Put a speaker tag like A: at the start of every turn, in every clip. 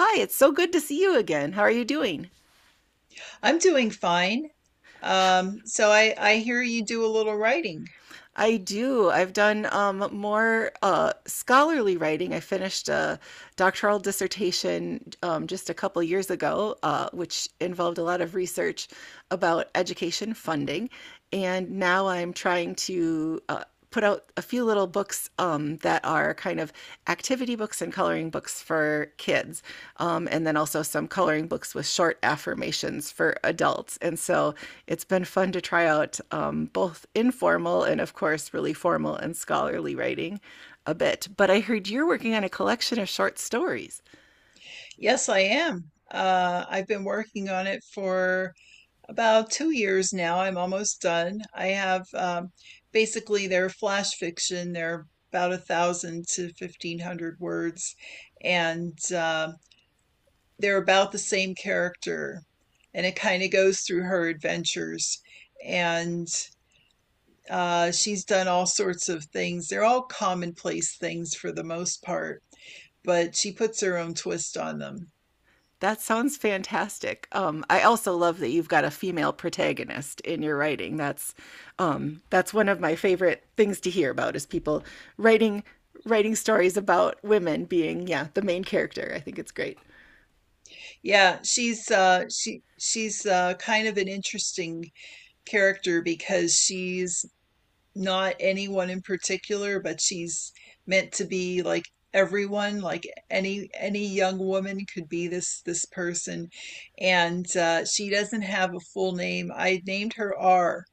A: Hi, it's so good to see you again. How are you doing?
B: I'm doing fine. So I hear you do a little writing.
A: I do. I've done more scholarly writing. I finished a doctoral dissertation just a couple years ago, which involved a lot of research about education funding. And now I'm trying to put out a few little books that are kind of activity books and coloring books for kids, and then also some coloring books with short affirmations for adults. And so it's been fun to try out both informal and, of course, really formal and scholarly writing a bit. But I heard you're working on a collection of short stories.
B: Yes, I am. I've been working on it for about 2 years now. I'm almost done. I have Basically, they're flash fiction. They're about 1,000 to 1,500 words, and they're about the same character, and it kind of goes through her adventures. And She's done all sorts of things. They're all commonplace things for the most part, but she puts her own twist on them.
A: That sounds fantastic. I also love that you've got a female protagonist in your writing. That's one of my favorite things to hear about is people writing writing stories about women being, yeah, the main character. I think it's great.
B: Yeah, she's kind of an interesting character because she's not anyone in particular, but she's meant to be like everyone, like any young woman could be this person. And she doesn't have a full name. I named her R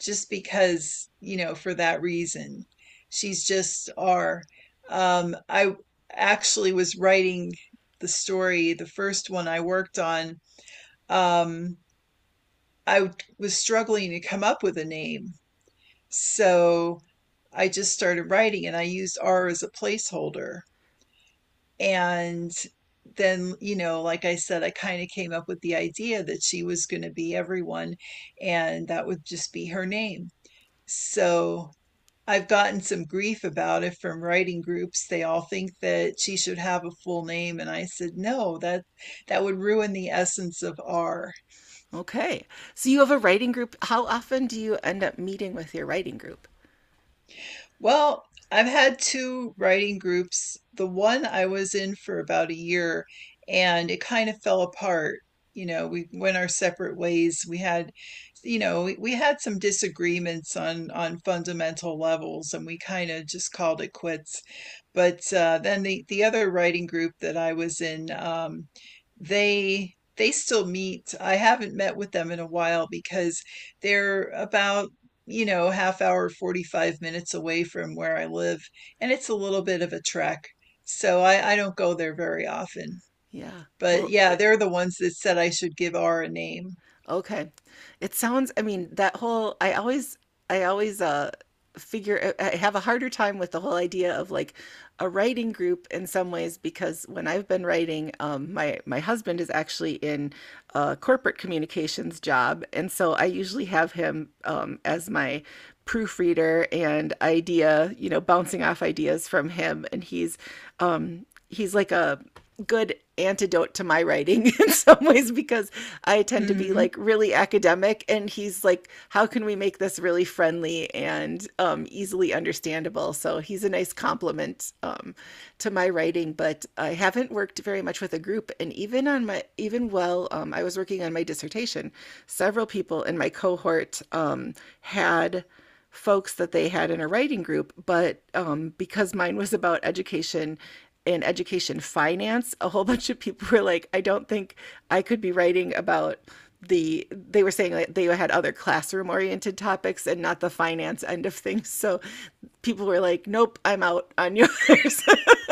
B: just because, you know, for that reason. She's just R. I actually was writing the story, the first one I worked on. Um, I was struggling to come up with a name, so I just started writing and I used R as a placeholder. And then, you know, like I said, I kind of came up with the idea that she was going to be everyone and that would just be her name. So I've gotten some grief about it from writing groups. They all think that she should have a full name. And I said, no, that would ruin the essence of R.
A: Okay, so you have a writing group. How often do you end up meeting with your writing group?
B: Well, I've had two writing groups. The one I was in for about a year and it kind of fell apart. You know, we went our separate ways. We had, you know, we had some disagreements on fundamental levels and we kind of just called it quits. But then the other writing group that I was in, they still meet. I haven't met with them in a while because they're about, you know, half hour, 45 minutes away from where I live. And it's a little bit of a trek. So I don't go there very often.
A: Yeah.
B: But
A: Well,
B: yeah, they're the ones that said I should give R a name.
A: okay. It sounds, I mean, that whole, I always, figure, I have a harder time with the whole idea of like a writing group in some ways because when I've been writing, my husband is actually in a corporate communications job. And so I usually have him, as my proofreader and idea, you know, bouncing off ideas from him. And he's like a, good antidote to my writing in some ways because I tend to be
B: Hmm
A: like really academic, and he's like, how can we make this really friendly and easily understandable? So he's a nice compliment to my writing, but I haven't worked very much with a group. And even on my even while I was working on my dissertation, several people in my cohort had folks that they had in a writing group. But because mine was about education and education finance, a whole bunch of people were like, I don't think I could be writing about they were saying that they had other classroom oriented topics and not the finance end of things. So people were like, nope, I'm out on yours.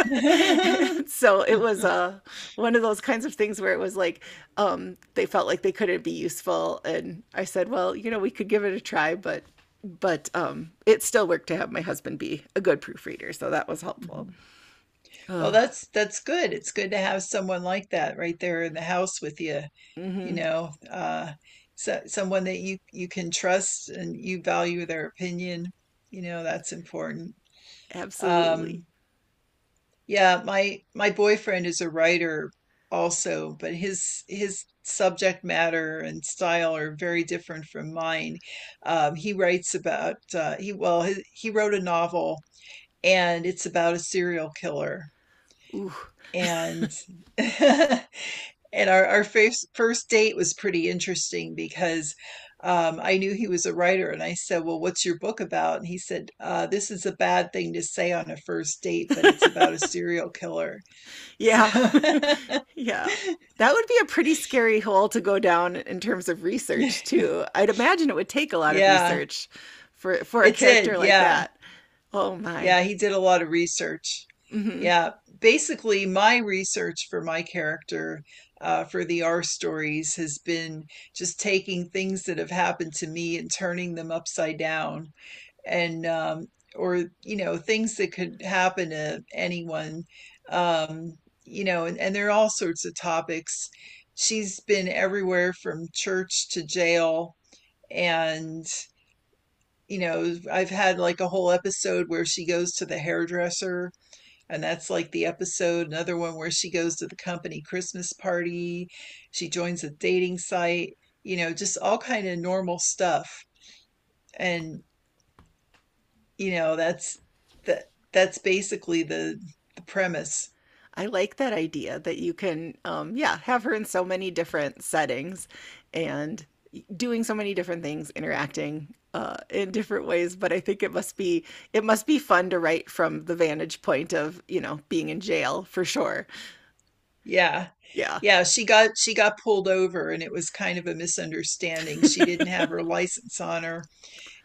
A: So it was one of those kinds of things where it was like they felt like they couldn't be useful, and I said, well, you know, we could give it a try. But it still worked to have my husband be a good proofreader, so that was helpful.
B: Well, that's good. It's good to have someone like that right there in the house with you, you know, so, someone that you can trust and you value their opinion. You know, that's important.
A: Absolutely.
B: Um, Yeah, my boyfriend is a writer also, but his subject matter and style are very different from mine. He writes about he well He wrote a novel and it's about a serial killer
A: Ooh.
B: and and our first date was pretty interesting because I knew he was a writer and I said, "Well, what's your book about?" And he said, "This is a bad thing to say on a first date, but it's about a serial killer." So
A: Yeah. Yeah, that would be a pretty scary hole to go down in terms of research too. I'd imagine it would take a lot of
B: yeah,
A: research for a
B: it
A: character
B: did.
A: like
B: Yeah.
A: that. Oh my.
B: Yeah, he did a lot of research. Yeah. Basically, my research for my character, for the R stories, has been just taking things that have happened to me and turning them upside down and or, you know, things that could happen to anyone. Um, you know, and there are all sorts of topics. She's been everywhere from church to jail and, you know, I've had like a whole episode where she goes to the hairdresser, and that's like the episode. Another one where she goes to the company Christmas party, she joins a dating site, you know, just all kind of normal stuff. And, you know, that that's basically the premise.
A: I like that idea that you can, yeah, have her in so many different settings and doing so many different things, interacting in different ways. But I think it must be fun to write from the vantage point of, you know, being in jail for sure.
B: Yeah.
A: Yeah,
B: Yeah, she got pulled over and it was kind of a misunderstanding. She didn't have her license on her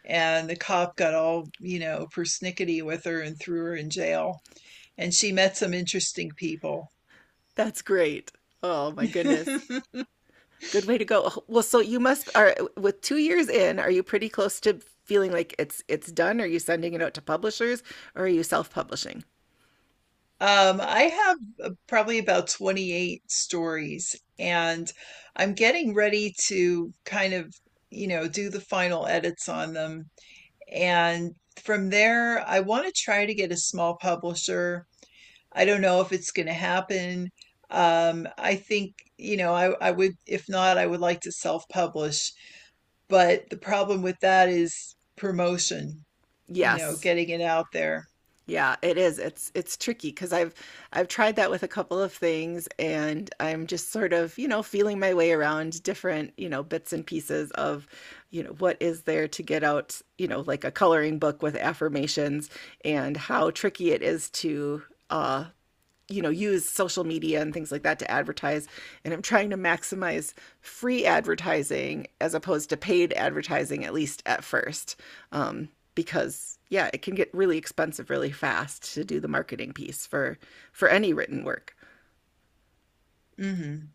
B: and the cop got all, you know, persnickety with her and threw her in jail. And she met some interesting people.
A: that's great. Oh my goodness,
B: um,
A: good way to go. Oh, well, so you must are with 2 years in. Are you pretty close to feeling like it's done? Are you sending it out to publishers, or are you self publishing?
B: I have probably about 28 stories, and I'm getting ready to kind of, you know, do the final edits on them. And from there, I want to try to get a small publisher. I don't know if it's going to happen. I think, you know, I would, if not, I would like to self-publish. But the problem with that is promotion, you know,
A: Yes.
B: getting it out there.
A: Yeah, it is. It's it's tricky because 'cause I've tried that with a couple of things, and I'm just sort of, you know, feeling my way around different, you know, bits and pieces of, you know, what is there to get out, you know, like a coloring book with affirmations and how tricky it is to uh you know, use social media and things like that to advertise. And I'm trying to maximize free advertising as opposed to paid advertising, at least at first, um, because, yeah, it can get really expensive really fast to do the marketing piece for any written work.
B: Mhm.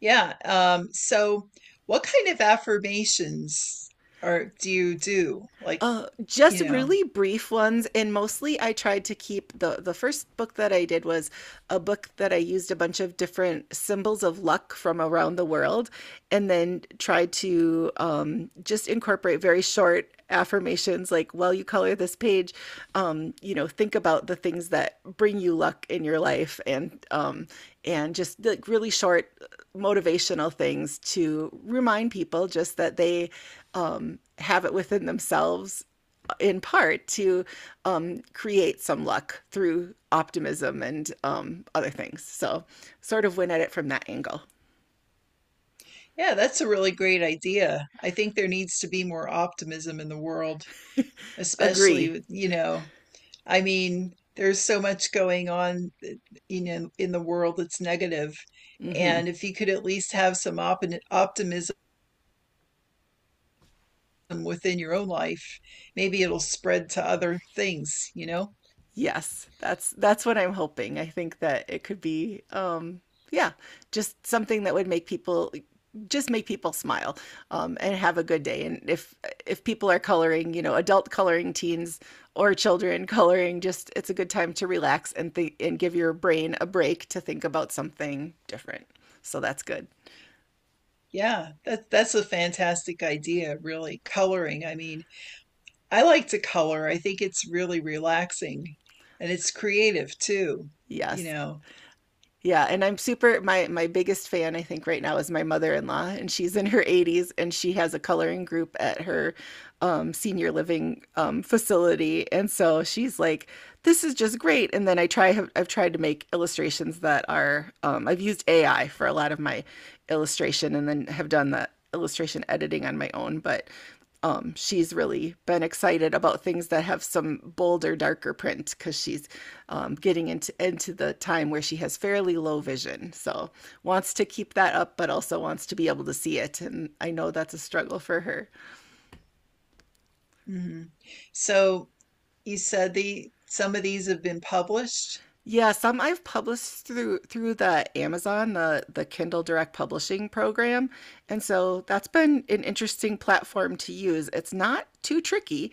B: Yeah, so what kind of affirmations are do you do? Like, you
A: Just
B: know,
A: really brief ones, and mostly I tried to keep the first book that I did was a book that I used a bunch of different symbols of luck from around the world, and then tried to just incorporate very short affirmations like, while you color this page, you know, think about the things that bring you luck in your life. And and just like really short, motivational things to remind people just that they have it within themselves in part to create some luck through optimism and other things. So, sort of win at it from that angle.
B: yeah, that's a really great idea. I think there needs to be more optimism in the world, especially
A: Agree.
B: with, you know, I mean, there's so much going on, you know, in the world that's negative.
A: Mm-hmm.
B: And if you could at least have some op optimism within your own life, maybe it'll spread to other things, you know?
A: Yes, that's what I'm hoping. I think that it could be, yeah, just something that would make people just make people smile and have a good day. And if people are coloring, you know, adult coloring teens or children coloring, just it's a good time to relax and think and give your brain a break to think about something different. So that's good.
B: Yeah, that's a fantastic idea, really. Coloring. I mean, I like to color. I think it's really relaxing and it's creative too, you
A: Yes.
B: know.
A: Yeah, and I'm super my my biggest fan I think right now is my mother-in-law, and she's in her 80s, and she has a coloring group at her senior living facility. And so she's like, this is just great. And then I try have, I've tried to make illustrations that are I've used AI for a lot of my illustration, and then have done the illustration editing on my own. But she's really been excited about things that have some bolder, darker print because she's getting into the time where she has fairly low vision. So wants to keep that up, but also wants to be able to see it. And I know that's a struggle for her.
B: Hmm. So you said the some of these have been published.
A: Yeah, some I've published through the Amazon, the Kindle Direct Publishing program, and so that's been an interesting platform to use. It's not too tricky.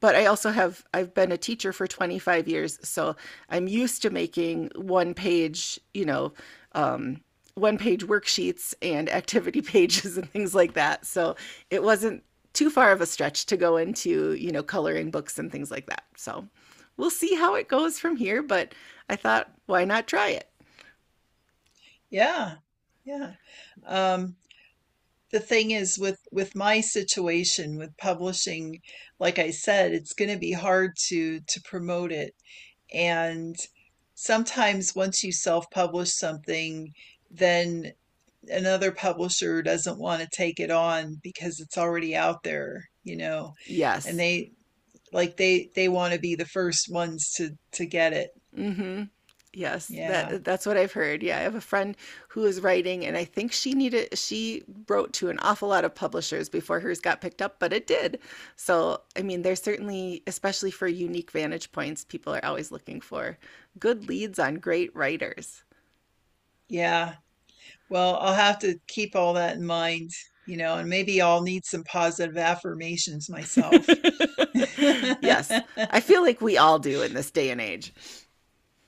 A: But I also have I've been a teacher for 25 years, so I'm used to making one page, you know, um, one page worksheets and activity pages and things like that. So it wasn't too far of a stretch to go into, you know, coloring books and things like that. So we'll see how it goes from here, but I thought, why not try it?
B: Yeah. Yeah. Um, the thing is with my situation with publishing, like I said, it's going to be hard to promote it. And sometimes once you self-publish something, then another publisher doesn't want to take it on because it's already out there, you know, and
A: Yes.
B: they want to be the first ones to get it.
A: Mhm. Yes,
B: Yeah.
A: that that's what I've heard. Yeah, I have a friend who is writing, and I think she wrote to an awful lot of publishers before hers got picked up, but it did. So, I mean, there's certainly, especially for unique vantage points, people are always looking for good leads on great writers.
B: Yeah. Well, I'll have to keep all that in mind, you know, and maybe I'll need some positive affirmations myself.
A: Yes, I feel like we all do in this day and age.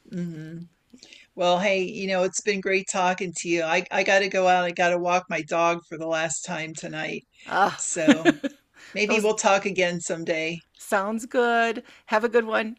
B: Hmm. Well, hey, you know, it's been great talking to you. I got to go out. I got to walk my dog for the last time tonight.
A: Ah,
B: So, maybe
A: those
B: we'll talk again someday.
A: sounds good. Have a good one.